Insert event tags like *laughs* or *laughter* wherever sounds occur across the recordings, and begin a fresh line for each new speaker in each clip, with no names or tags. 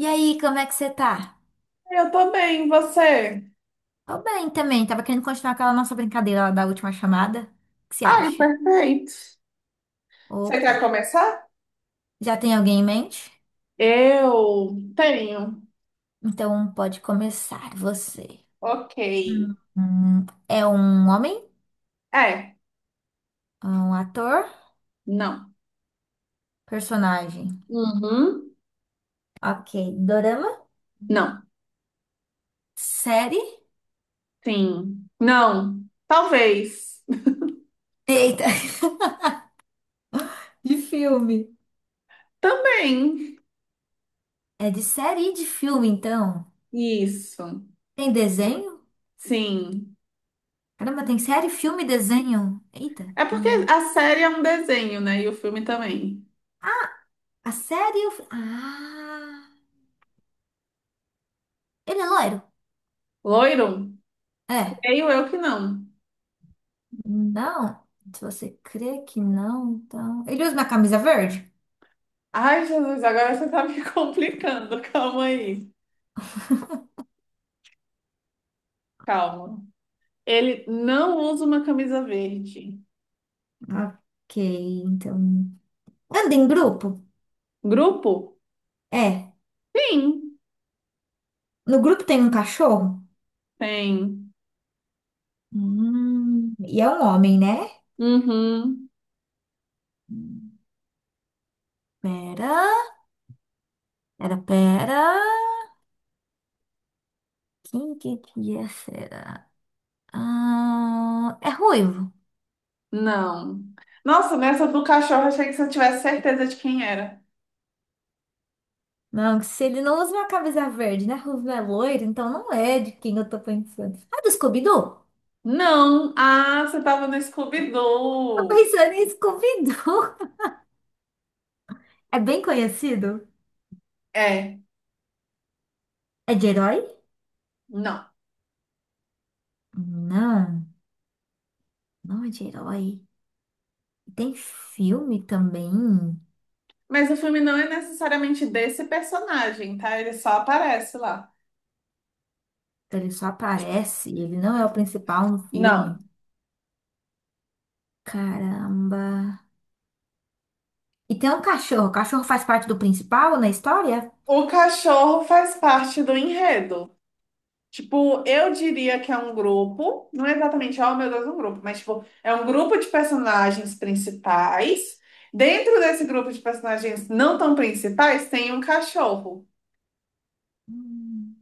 E aí, como é que você tá?
Eu também, você?
Tô bem também. Tava querendo continuar aquela nossa brincadeira lá da última chamada. O que você
Ai,
acha?
perfeito. Você
Opa.
quer começar?
Já tem alguém em mente?
Eu tenho.
Então pode começar você.
Ok.
Hum. É um homem?
É,
É um ator?
não.
Personagem?
Uhum.
Ok. Dorama?
Não.
Série?
Sim. Não. Talvez.
Eita. *laughs* De filme.
Também.
É de série e de filme, então.
Isso.
Tem desenho?
Sim.
Caramba, tem série, filme e desenho. Eita.
É porque
Hum,
a série é um desenho, né? E o filme também.
A série... e o ah... Ele é loiro?
Loiro?
É,
Creio eu que não.
não. Se você crê que não, então. Ele usa uma camisa verde?
Ai, Jesus, agora você tá me *laughs* complicando. Calma aí. Calma. Ele não usa uma camisa verde.
Ok, então. Anda em grupo?
Grupo?
É.
Sim,
No grupo tem um cachorro?
tem.
E é um homem, né?
Uhum.
Hum, pera, pera. Quem que é, será? Ah, é ruivo.
Não. Nossa, nessa do cachorro, achei que você tivesse certeza de quem era.
Não, se ele não usa uma camisa verde, né? Ruivo é loiro, então não é de quem eu tô pensando. Ah, do Scooby-Doo?
Não. Ah, você tava no
Tô
Scooby-Doo.
pensando em Scooby-Doo. *laughs* É bem conhecido?
É,
É de herói?
não.
Não, não é de herói. Tem filme também.
Mas o filme não é necessariamente desse personagem, tá? Ele só aparece lá.
Que Ele só aparece, ele não é o principal no
Não.
filme. Caramba. E tem um cachorro. O cachorro faz parte do principal na história?
O cachorro faz parte do enredo. Tipo, eu diria que é um grupo, não é exatamente, oh meu Deus, um grupo, mas tipo, é um grupo de personagens principais. Dentro desse grupo de personagens não tão principais, tem um cachorro.
Hum,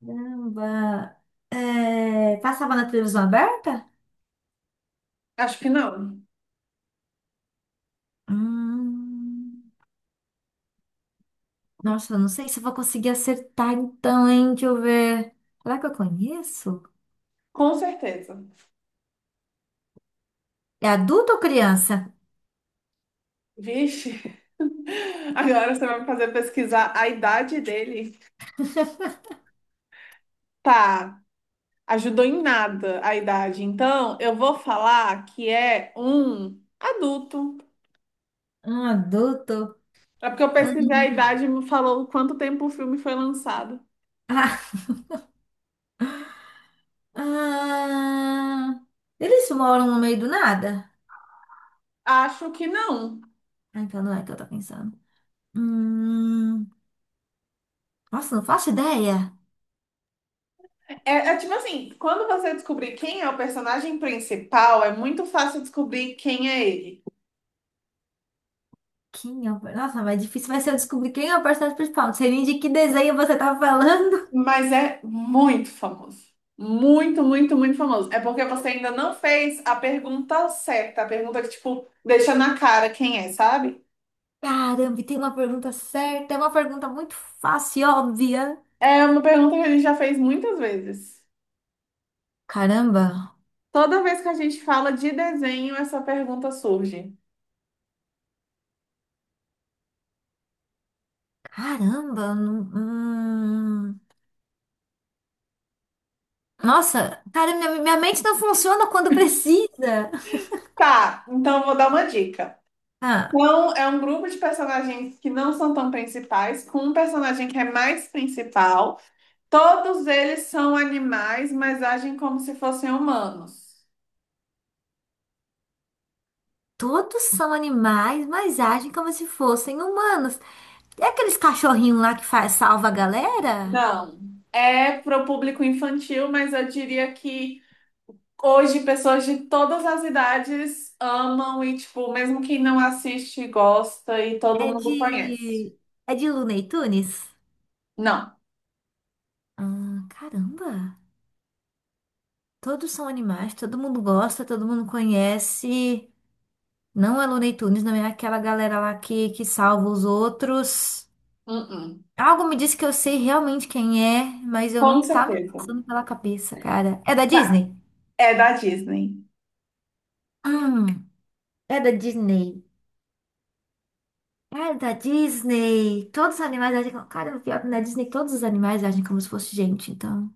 Caramba. É, passava na televisão aberta?
Acho que não,
Hum, Nossa, eu não sei se eu vou conseguir acertar então, hein? Deixa eu ver. Será que eu conheço?
com certeza.
É adulto ou criança?
Vixe, *laughs* agora você vai me fazer pesquisar a idade dele. Tá, ajudou em nada a idade. Então, eu vou falar que é um adulto.
Ah, adulto.
É porque eu pesquisei a
Hum.
idade e me falou quanto tempo o filme foi lançado.
Ah, ah, eles moram no meio do nada?
Acho que não.
Ah, então não é que eu tô pensando. Hum, nossa, não faço ideia.
É, é tipo assim, quando você descobrir quem é o personagem principal, é muito fácil descobrir quem é ele.
Quem é o... Nossa, mas difícil vai ser eu descobrir quem é o personagem principal. Não sei nem de que desenho você tá falando.
Mas é muito famoso. Muito, muito, muito famoso. É porque você ainda não fez a pergunta certa, a pergunta que, tipo, deixa na cara quem é, sabe?
*laughs* Caramba, e tem uma pergunta certa. É uma pergunta muito fácil e óbvia.
É uma pergunta que a gente já fez muitas vezes.
Caramba.
Toda vez que a gente fala de desenho, essa pergunta surge.
Caramba. Eu não- Hum. Nossa, cara, minha mente não funciona quando precisa.
Tá, então eu vou dar uma dica.
Ah.
Então, é um grupo de personagens que não são tão principais, com um personagem que é mais principal. Todos eles são animais, mas agem como se fossem humanos.
Todos são animais, mas agem como se fossem humanos. É aqueles cachorrinhos lá que faz, salva a galera?
Não. É para o público infantil, mas eu diria que hoje pessoas de todas as idades amam e, tipo, mesmo quem não assiste, gosta e todo
É
mundo conhece.
de. É de Looney Tunes?
Não.
Ah, caramba! Todos são animais, todo mundo gosta, todo mundo conhece. Não é Looney Tunes, não é aquela galera lá que salva os outros.
Uh-uh.
Algo me disse que eu sei realmente quem é, mas eu
Com
não tá me
certeza.
passando pela cabeça, cara. É da
Tá.
Disney?
É da Disney.
Hum, é da Disney. Cara da Disney. Todos os animais agem como. Cara, o pior que na Disney todos os animais agem como se fosse gente, então.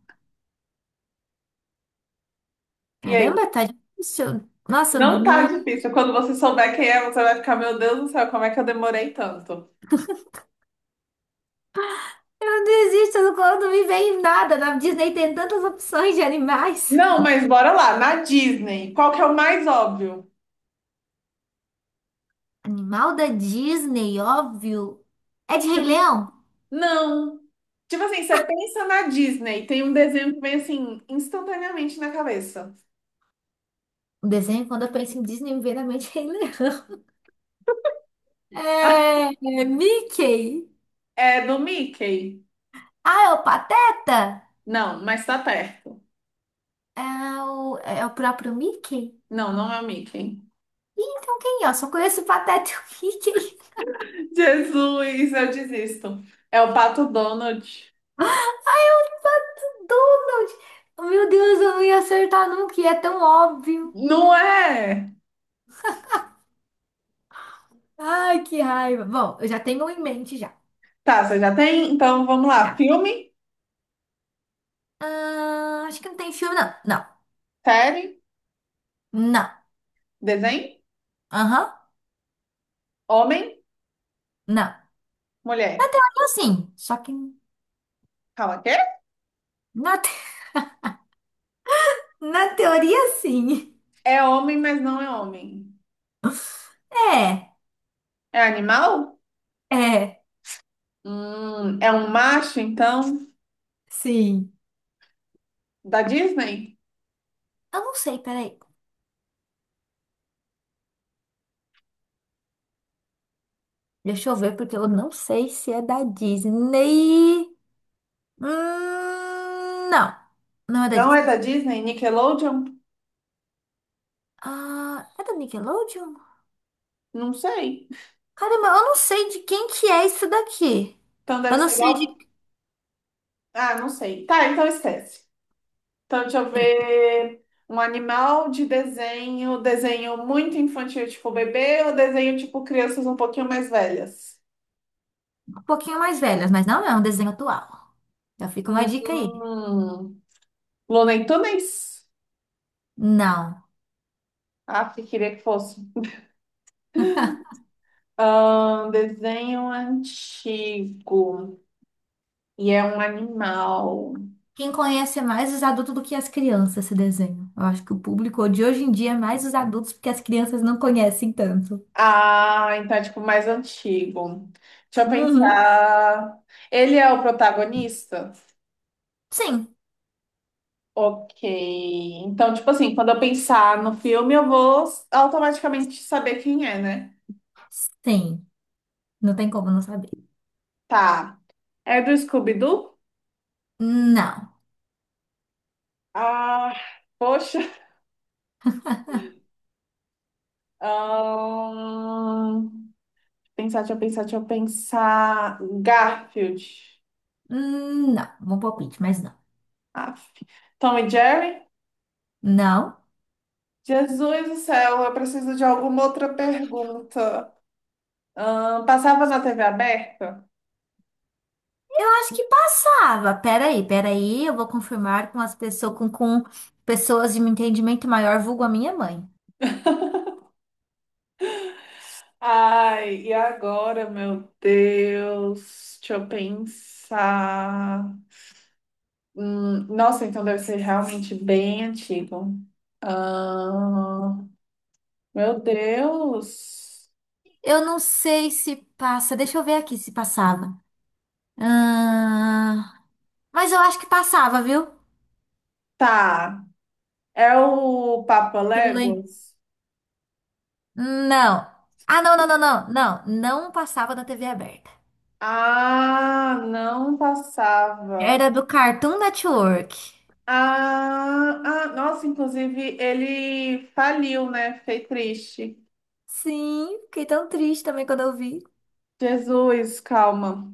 E
Caramba,
aí?
tá difícil. Nossa,
Não tá
não,
difícil. Quando você souber quem é, você vai ficar, meu Deus do céu, como é que eu demorei tanto?
não existe não- quando me vem nada. Na Disney tem tantas opções de animais.
Não, mas bora lá. Na Disney, qual que é o mais óbvio?
*laughs* Animal da Disney, óbvio. É de Rei Leão.
Não. Tipo assim, você pensa na Disney, tem um desenho que vem assim, instantaneamente na cabeça.
O desenho, quando eu penso em Disney, me vem na mente Rei Leão. *laughs*
*laughs*
É, é Mickey.
É do Mickey?
Ah, é o Pateta?
Não, mas tá perto.
É o próprio Mickey?
Não, não é o Mickey.
Ih, então quem é? Eu só conheço o Pateta e o Mickey.
Jesus, eu desisto. É o Pato Donald.
Donald! Meu Deus, eu não ia acertar nunca, e é tão óbvio.
Não é?
Ai, que raiva. Bom, eu já tenho um em mente já.
Tá, você já tem? Então vamos lá.
Já.
Filme,
Ah, acho que não tem filme, não. Não.
série,
Não.
desenho,
Aham.
homem.
Não. Na
Mulher.
teoria, sim. Só que
Calma, quê?
na, te- *laughs* na teoria, sim.
É homem, mas não é homem.
*laughs* É.
É animal?
É.
É um macho, então?
Sim.
Da Disney?
Eu não sei, peraí. Deixa eu ver, porque eu não sei se é da Disney. Não. Não é da
Não é
Disney.
da Disney? Nickelodeon?
Ah, é da Nickelodeon?
Não sei.
Caramba, eu não sei de quem que é isso daqui.
Então deve
Eu não
ser
sei
da...
de
Ah, não sei. Tá, então esquece. Então deixa eu ver. Um animal de desenho, desenho muito infantil, tipo bebê, ou desenho tipo crianças um pouquinho mais velhas?
Um pouquinho mais velhas, mas não é um desenho atual. Já fica uma dica aí.
Hum, Looney Tunes?
Não.
Ah, que queria que fosse. Desenho antigo. E é um animal.
Quem conhece mais os adultos do que as crianças esse desenho? Eu acho que o público de hoje em dia é mais os adultos, porque as crianças não conhecem tanto.
Ah, então é tipo mais antigo. Deixa eu
Uhum.
pensar. Ele é o protagonista?
Sim.
Ok. Então, tipo assim, quando eu pensar no filme, eu vou automaticamente saber quem é, né?
Sim. Não tem como não saber.
Tá. É do Scooby-Doo?
Não.
Ah, poxa. Ahn, Pensar, deixa eu pensar. Garfield.
Não. Bom palpite, mas não.
Aff. Tom e Jerry?
Não.
Jesus do céu, eu preciso de alguma outra pergunta. Passava na TV aberta?
Eu acho que passava. Peraí, peraí, eu vou confirmar com as pessoas com pessoas de um entendimento maior, vulgo a minha mãe.
Ai, e agora, meu Deus? Deixa eu pensar. Nossa, então deve ser realmente bem antigo. Ahn, meu Deus.
Eu não sei se passa. Deixa eu ver aqui se passava. Ah, mas eu acho que passava, viu?
Tá. É o Papa
Que Eu lembro.
Léguas?
Não. Ah, não, não, não, não, não. Não passava na TV aberta.
Ah, não passava.
Era do Cartoon Network.
Ah, ah, nossa, inclusive ele faliu, né? Fiquei triste.
Sim, fiquei tão triste também quando eu vi.
Jesus, calma.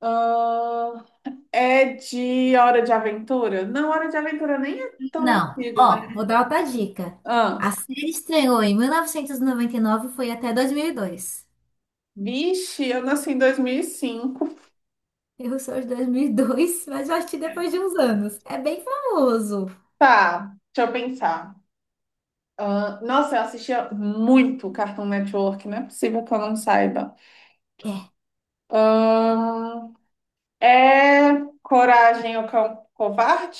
Ah, é de Hora de Aventura? Não, Hora de Aventura nem é tão
Não,
antigo, né?
ó, vou dar outra dica. A
Ah,
série estreou em 1999 e noventa e nove e foi até 2002.
vixe, eu nasci em 2005.
Eu sou de 2002, *laughs* mas eu assisti depois de uns anos. É bem famoso.
Tá, deixa eu pensar. Ah, nossa, eu assistia muito Cartoon Network, não é possível que eu não saiba.
É,
Ah, é Coragem, o Cão Covarde?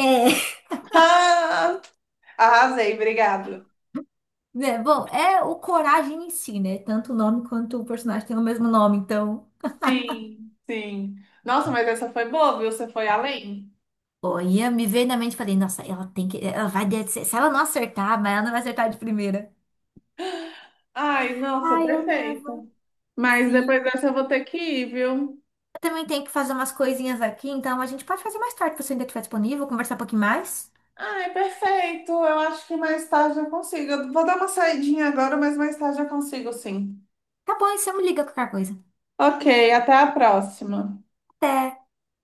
é,
Ah, arrasei, obrigado.
*laughs* é, bom, é o Coragem em si, né? Tanto o nome quanto o personagem tem o mesmo nome, então.
Sim, sim. Nossa, mas essa foi boa, viu? Você foi além?
Olha, me veio na mente e falei, nossa, ela tem que. Ela vai. Se ela não acertar, mas ela não vai acertar de primeira.
Ai, nossa,
Ai, eu amava.
perfeito. Mas
Sim.
depois dessa eu vou ter que ir, viu?
Eu também tenho que fazer umas coisinhas aqui, então a gente pode fazer mais tarde, se você ainda estiver disponível, conversar um pouquinho mais.
Ai, perfeito. Eu acho que mais tarde eu consigo. Eu vou dar uma saidinha agora, mas mais tarde eu consigo, sim.
Tá bom, e você me liga qualquer coisa.
Ok, até a próxima.
Até!